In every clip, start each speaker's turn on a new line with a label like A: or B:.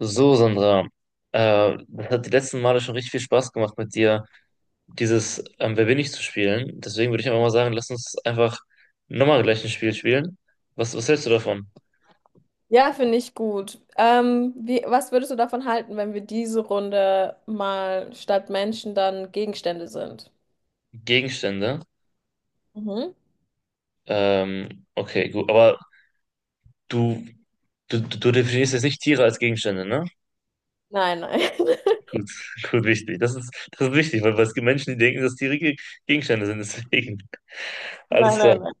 A: So, Sandra, das hat die letzten Male schon richtig viel Spaß gemacht mit dir, dieses Wer bin ich zu spielen. Deswegen würde ich einfach mal sagen, lass uns einfach nochmal gleich ein Spiel spielen. Was hältst du davon?
B: Ja, finde ich gut. Was würdest du davon halten, wenn wir diese Runde mal statt Menschen dann Gegenstände sind?
A: Gegenstände.
B: Mhm.
A: Okay, gut. Aber du, du definierst jetzt nicht Tiere als Gegenstände, ne?
B: Nein, nein.
A: Gut, gut, wichtig. Das ist wichtig, weil es gibt Menschen, die denken, dass Tiere Gegenstände sind. Deswegen.
B: Nein,
A: Alles klar.
B: nein, nein.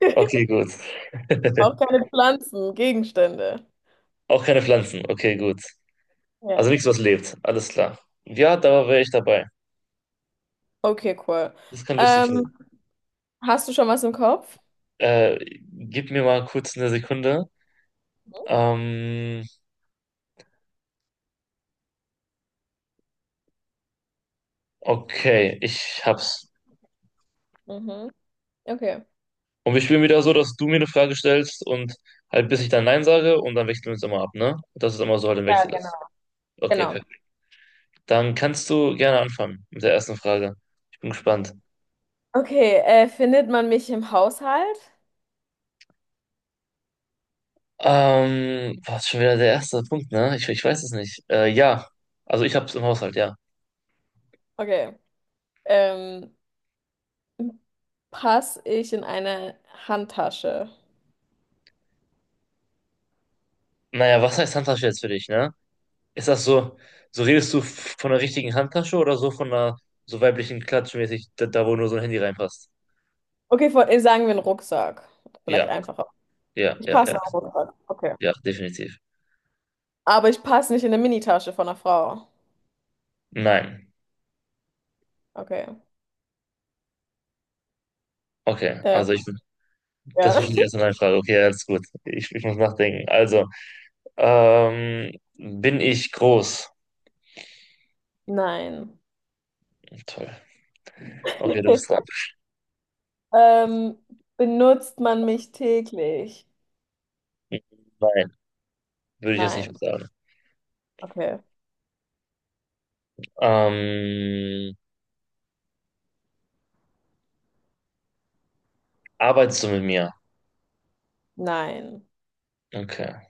A: Okay, gut.
B: Auch keine Pflanzen, Gegenstände.
A: Auch keine Pflanzen. Okay, gut. Also
B: Ja.
A: nichts, was lebt. Alles klar. Ja, da wäre ich dabei.
B: Okay, cool.
A: Das kann lustig werden.
B: Ähm, hast du schon was im Kopf?
A: Gib mir mal kurz eine Sekunde.
B: Mhm.
A: Ähm, okay, ich hab's.
B: Mhm. Okay.
A: Und wir spielen wieder so, dass du mir eine Frage stellst und halt bis ich dann Nein sage und dann wechseln wir uns immer ab, ne? Dass es immer so halt im
B: Ja,
A: Wechsel
B: genau.
A: ist. Okay,
B: Genau.
A: perfekt. Dann kannst du gerne anfangen mit der ersten Frage. Ich bin gespannt.
B: Okay, findet man mich im Haushalt?
A: War schon wieder der erste Punkt, ne? Ich weiß es nicht. Ja. Also ich hab's im Haushalt, ja.
B: Okay. Ähm, passe ich in eine Handtasche?
A: Naja, was heißt Handtasche jetzt für dich, ne? Ist das so, so redest du von der richtigen Handtasche oder so von einer so weiblichen Klatschmäßig, da wo nur so ein Handy reinpasst?
B: Okay, sagen wir einen Rucksack. Vielleicht
A: Ja,
B: einfacher.
A: ja,
B: Ich
A: ja,
B: passe
A: ja,
B: in einen Rucksack. Okay.
A: ja, definitiv.
B: Aber ich passe nicht in eine Minitasche von einer Frau.
A: Nein.
B: Okay.
A: Okay,
B: Äh,
A: also ich, das
B: ja.
A: war schon die erste Nein-Frage. Okay, alles gut. Ich muss nachdenken. Also, bin ich groß?
B: Nein.
A: Toll. Okay, du bist dran.
B: Ähm, benutzt man mich täglich?
A: Nein, würde ich jetzt
B: Nein.
A: nicht sagen.
B: Okay.
A: Ähm, arbeitest du mit mir?
B: Nein.
A: Okay.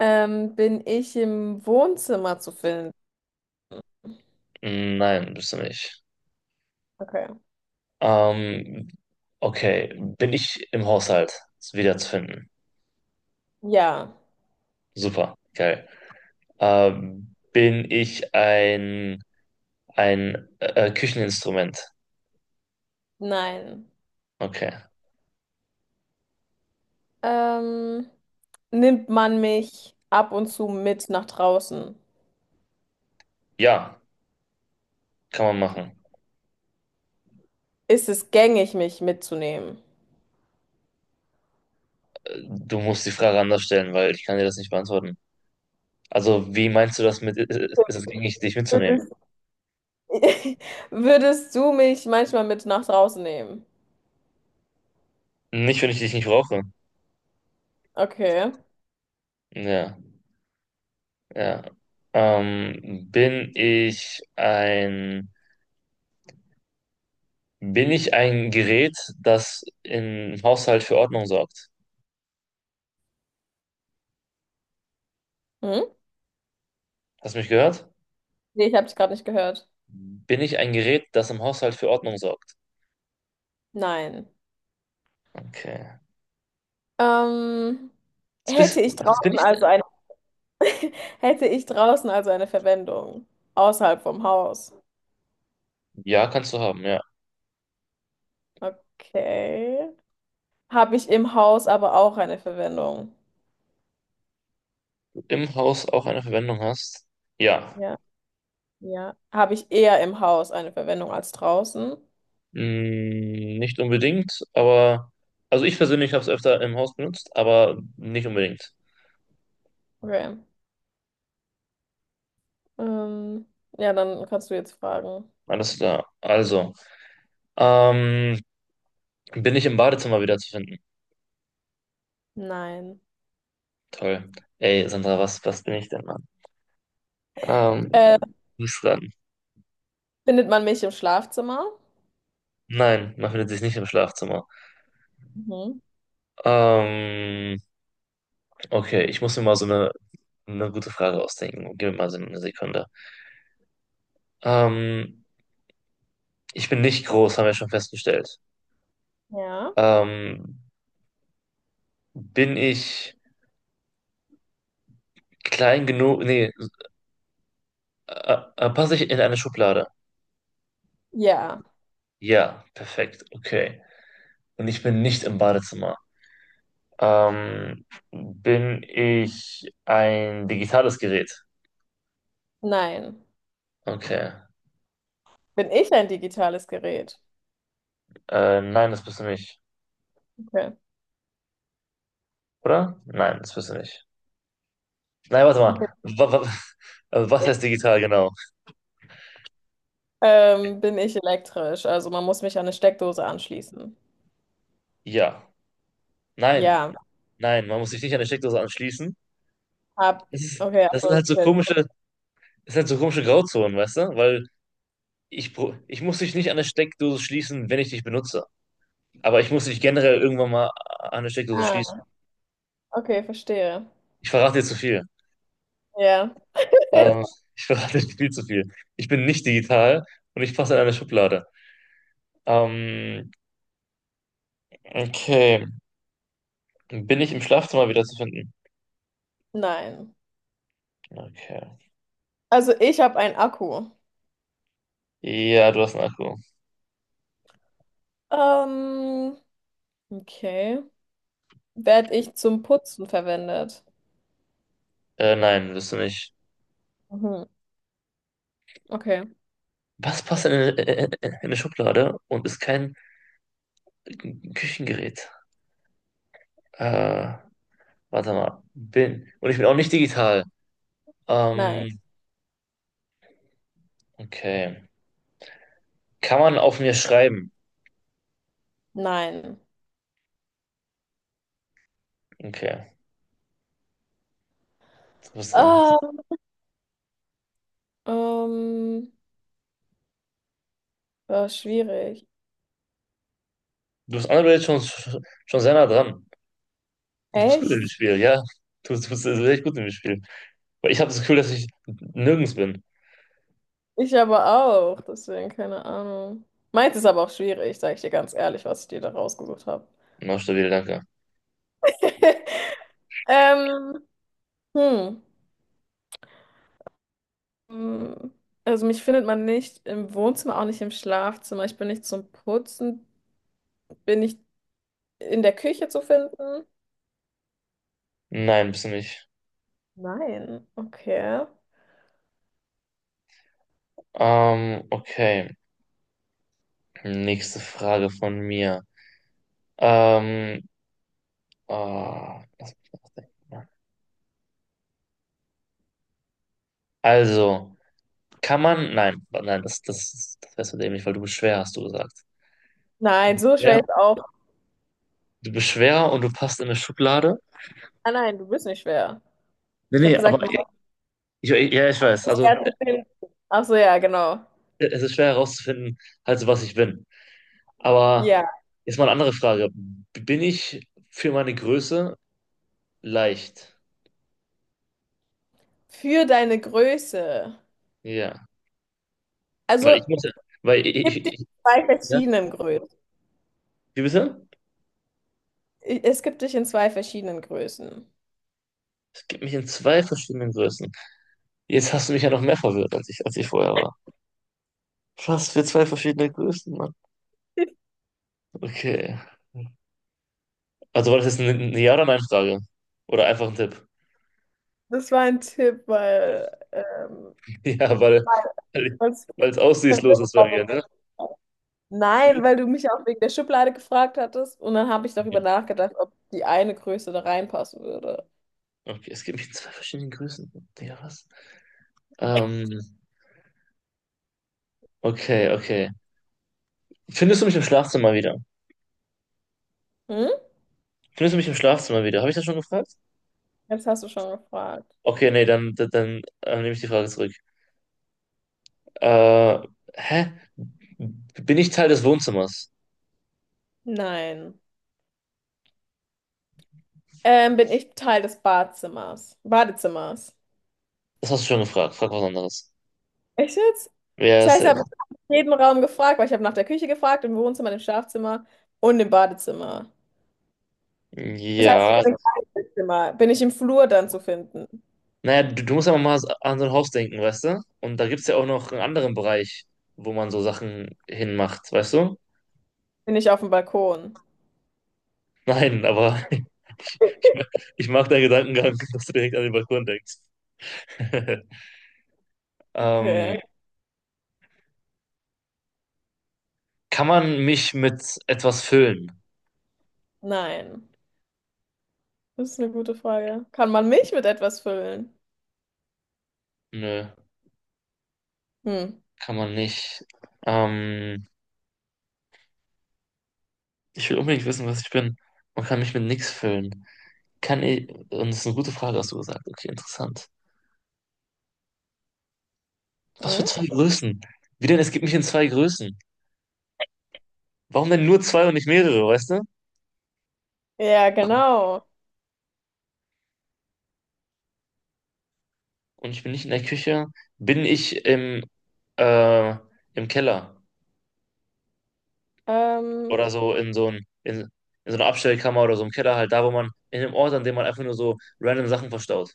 B: Bin ich im Wohnzimmer zu finden?
A: Nein, bist du nicht.
B: Okay.
A: Ähm, okay, bin ich im Haushalt? Ist wiederzufinden.
B: Ja.
A: Super, geil. Ähm, bin ich ein, ein Kücheninstrument?
B: Nein.
A: Okay.
B: Ähm, nimmt man mich ab und zu mit nach draußen?
A: Ja, kann man machen.
B: Ist es gängig, mich mitzunehmen?
A: Du musst die Frage anders stellen, weil ich kann dir das nicht beantworten. Also, wie meinst du das mit, ist es gängig, dich mitzunehmen?
B: Würde Würdest du mich manchmal mit nach draußen nehmen?
A: Nicht, wenn ich dich nicht brauche.
B: Okay.
A: Ja, ja. Ähm, bin ich ein, bin ich ein Gerät, das im Haushalt für Ordnung sorgt?
B: Hm?
A: Hast du mich gehört?
B: Nee, ich habe dich gerade nicht gehört.
A: Bin ich ein Gerät, das im Haushalt für Ordnung sorgt?
B: Nein.
A: Okay.
B: Ähm,
A: Was bist,
B: hätte ich
A: was bin
B: draußen
A: ich denn?
B: also eine hätte ich draußen also eine Verwendung außerhalb vom Haus?
A: Ja, kannst du haben, ja.
B: Okay. Habe ich im Haus aber auch eine Verwendung?
A: Im Haus auch eine Verwendung hast? Ja.
B: Ja, ja. Habe ich eher im Haus eine Verwendung als draußen?
A: Hm, nicht unbedingt, aber. Also ich persönlich habe es öfter im Haus benutzt, aber nicht unbedingt.
B: Okay. Ähm, ja, dann kannst du jetzt fragen.
A: Alles klar. Also. Ähm, bin ich im Badezimmer wieder zu finden?
B: Nein.
A: Toll. Ey, Sandra, was bin ich denn, Mann?
B: Äh,
A: Du bist dran?
B: findet man mich im Schlafzimmer?
A: Nein, man findet sich nicht im Schlafzimmer.
B: Mhm.
A: Ähm, okay, ich muss mir mal so eine gute Frage ausdenken. Gib mir mal so eine Sekunde. Ähm, ich bin nicht groß, haben wir schon festgestellt.
B: Ja.
A: Ähm, bin ich klein genug? Nee, passe ich in eine Schublade?
B: Ja.
A: Ja, perfekt, okay. Und ich bin nicht im Badezimmer. Ähm, bin ich ein digitales Gerät?
B: Nein.
A: Okay.
B: Bin ich ein digitales Gerät?
A: Nein, das bist du nicht,
B: Okay.
A: oder? Nein, das bist du nicht. Nein, warte
B: Okay.
A: mal. Was heißt digital genau?
B: Bin ich elektrisch? Also man muss mich an eine Steckdose anschließen.
A: Ja. Nein.
B: Ja.
A: Nein, man muss sich nicht an die Steckdose anschließen.
B: Hab. Okay, ach
A: Das sind
B: so.
A: halt so komische, das sind halt so komische Grauzonen, weißt du? Weil ich, ich muss dich nicht an der Steckdose schließen, wenn ich dich benutze. Aber ich muss dich generell irgendwann mal an der Steckdose schließen.
B: Ah, okay, verstehe.
A: Ich verrate dir zu viel.
B: Ja.
A: Ähm, ich verrate dir viel zu viel. Ich bin nicht digital und ich passe in eine Schublade. Ähm, okay. Bin ich im Schlafzimmer wieder zu finden?
B: Nein.
A: Okay.
B: Also ich habe einen Akku.
A: Ja, du hast einen Akku.
B: Ähm, okay. Werd ich zum Putzen verwendet?
A: Nein, bist du nicht.
B: Mhm. Okay.
A: Was passt denn in eine Schublade und ist kein ein Küchengerät. Äh, warte mal. Bin. Und ich bin auch nicht digital.
B: Nein.
A: Ähm, okay. Kann man auf mir schreiben?
B: Nein.
A: Okay, du bist dran.
B: Ah, ähm, war schwierig.
A: Du bist andere schon, schon sehr nah dran. Du bist gut im
B: Echt?
A: Spiel, ja. Du bist echt gut im Spiel. Weil ich habe das Gefühl, dass ich nirgends bin.
B: Ich aber auch, deswegen keine Ahnung. Meins ist aber auch schwierig, sage ich dir ganz ehrlich, was ich dir da rausgesucht habe.
A: Na, stabil, danke.
B: Ähm, hm. Hm. Also mich findet man nicht im Wohnzimmer, auch nicht im Schlafzimmer. Ich bin nicht zum Putzen. Bin ich in der Küche zu finden?
A: Nein, bist du nicht.
B: Nein. Okay.
A: Okay. Nächste Frage von mir. Ähm, lass mich nachdenken. Also. Kann man? Nein, nein, das wärst du dämlich, weil du bist schwer, hast du gesagt. Du
B: Nein,
A: bist
B: so schwer
A: schwer,
B: ist auch.
A: du bist schwer und du passt in eine Schublade.
B: Ah nein, du bist nicht schwer.
A: Nee,
B: Ich habe
A: nee, aber
B: gesagt,
A: ich,
B: Maus
A: ich- ja, ich weiß.
B: ist
A: Also
B: schwer zu finden. Ach so, ja, genau.
A: es ist schwer herauszufinden, halt so was ich bin. Aber
B: Ja.
A: jetzt mal eine andere Frage. Bin ich für meine Größe leicht?
B: Für deine Größe.
A: Ja. Weil ich
B: Also
A: muss, weil ich, ich,
B: gibt es
A: ich
B: zwei
A: ja,
B: verschiedenen Größen.
A: wie bitte?
B: Es gibt dich in zwei verschiedenen Größen.
A: Es gibt mich in zwei verschiedenen Größen. Jetzt hast du mich ja noch mehr verwirrt, als ich vorher war. Fast für zwei verschiedene Größen, Mann. Okay. Also war das jetzt eine Ja- oder Nein-Frage? Oder einfach ein Tipp?
B: Das war ein Tipp, weil,
A: Ja, weil, weil,
B: weil es
A: weil es aussichtslos
B: verwirrt
A: ist bei
B: war
A: mir,
B: wegen der
A: ne?
B: Schublade. Nein,
A: Mhm.
B: weil du mich auch wegen der Schublade gefragt hattest und dann habe ich darüber nachgedacht, ob die eine Größe da reinpassen würde.
A: Okay, es gibt mich in zwei verschiedenen Größen. Digga, was? Ähm, okay. Findest du mich im Schlafzimmer wieder?
B: Hm?
A: Findest du mich im Schlafzimmer wieder? Habe ich das schon gefragt?
B: Jetzt hast du schon gefragt.
A: Okay, nee, dann, dann, dann nehme ich die Frage zurück. Äh, hä? Bin ich Teil des Wohnzimmers?
B: Nein. Bin ich Teil des Badezimmers.
A: Das hast du schon gefragt. Frag was anderes.
B: Echt jetzt?
A: Ja,
B: Das heißt, ich
A: safe.
B: habe jeden Raum gefragt, weil ich habe nach der Küche gefragt, im Wohnzimmer, im Schlafzimmer und im Badezimmer. Das heißt, ich
A: Ja,
B: bin im Kinderzimmer. Bin ich im Flur dann zu finden?
A: naja, du musst aber mal an so ein Haus denken, weißt du? Und da gibt es ja auch noch einen anderen Bereich, wo man so Sachen hinmacht, weißt du?
B: Bin ich auf dem Balkon?
A: Nein, aber ich, ma- ich mag deinen Gedankengang, dass du direkt an den Balkon denkst.
B: Okay.
A: Ähm, kann man mich mit etwas füllen?
B: Nein. Das ist eine gute Frage. Kann man mich mit etwas füllen?
A: Nö,
B: Hm.
A: kann man nicht. Ähm, ich will unbedingt wissen, was ich bin. Man kann mich mit nichts füllen. Kann ich, und das ist eine gute Frage, hast du gesagt. Okay, interessant. Was für
B: Hm?
A: zwei Größen? Wie denn? Es gibt mich in zwei Größen. Warum denn nur zwei und nicht mehrere, weißt du?
B: Ja, genau.
A: Und ich bin nicht in der Küche, bin ich im, äh, im Keller
B: Ähm,
A: oder so in in so einer Abstellkammer oder so im Keller, halt da, wo man, in dem Ort, an dem man einfach nur so random Sachen verstaut.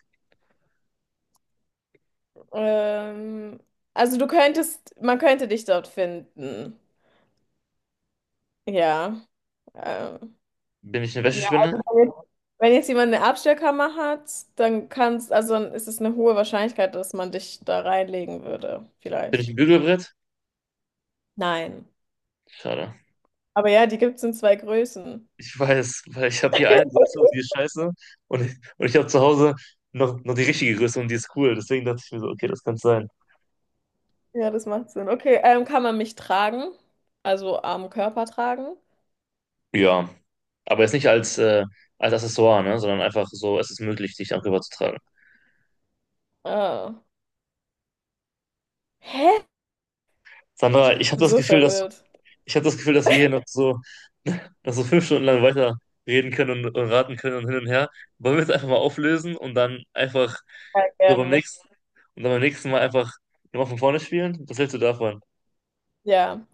B: ähm, also du könntest, man könnte dich dort finden. Ja. Ähm,
A: Bin ich eine
B: ja,
A: Wäschespinne?
B: also wenn jetzt jemand eine Abstellkammer hat, dann kannst, also dann ist es eine hohe Wahrscheinlichkeit, dass man dich da reinlegen würde,
A: Bin ich
B: vielleicht.
A: ein Bügelbrett?
B: Nein.
A: Schade.
B: Aber ja, die gibt es in zwei Größen.
A: Ich weiß, weil ich habe hier eine Größe und die ist scheiße und und ich habe zu Hause noch die richtige Größe und die ist cool. Deswegen dachte ich mir so, okay, das kann sein.
B: Ja, das macht Sinn. Okay, kann man mich tragen? Also am Körper tragen?
A: Ja, aber jetzt nicht als, als Accessoire, ne, sondern einfach so, es ist möglich, dich darüber zu tragen.
B: Äh, hä?
A: Sandra, ich habe
B: Bin
A: das
B: so
A: Gefühl, dass
B: verwirrt.
A: ich habe das Gefühl, dass wir hier noch so, noch so 5 Stunden lang weiter reden können und raten können und hin und her. Wollen wir es einfach mal auflösen und dann einfach
B: Ja,
A: so beim
B: gerne.
A: nächsten und dann beim nächsten Mal einfach nochmal von vorne spielen? Was hältst du davon?
B: Ja.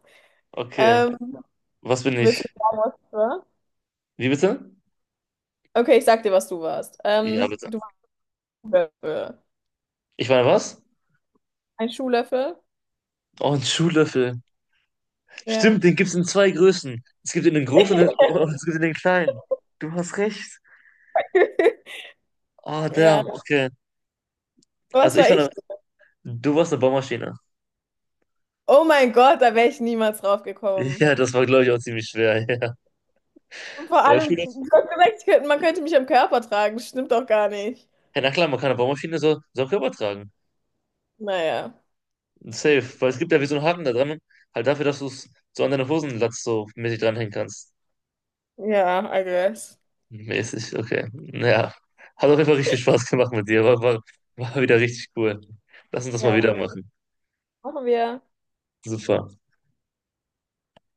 A: Okay.
B: Ähm,
A: Was bin
B: willst
A: ich?
B: du sagen, was du warst?
A: Wie bitte?
B: Okay, ich sag dir, was du warst.
A: Ja, bitte.
B: Du warst ein Löffel.
A: Ich meine, was?
B: Ein Schuhlöffel?
A: Oh, ein Schuhlöffel.
B: Ja.
A: Stimmt, den gibt es in zwei Größen. Es gibt ihn in den großen und und es gibt ihn in den kleinen. Du hast recht. Oh,
B: Ja.
A: damn, okay. Also
B: Was
A: ich
B: war
A: war
B: ich?
A: eine, du warst eine Baumaschine.
B: Oh mein Gott, da wäre ich niemals drauf gekommen.
A: Ja, das war, glaube ich, auch ziemlich schwer. Ja.
B: Und vor
A: Aber
B: allem, du
A: Schuhlöffel.
B: hast gesagt, man könnte mich am Körper tragen. Das stimmt doch gar nicht.
A: Ja, na klar, man kann eine Baumaschine so auch übertragen.
B: Naja.
A: Safe. Weil es gibt ja wie so einen Haken da dran, halt dafür, dass du es so an deine Hosenlatz so mäßig dranhängen kannst.
B: Ja, I guess.
A: Mäßig, okay. Naja, hat auf jeden Fall richtig viel Spaß gemacht mit dir. War wieder richtig cool. Lass uns das mal
B: Ja,
A: wieder machen.
B: machen wir.
A: Super.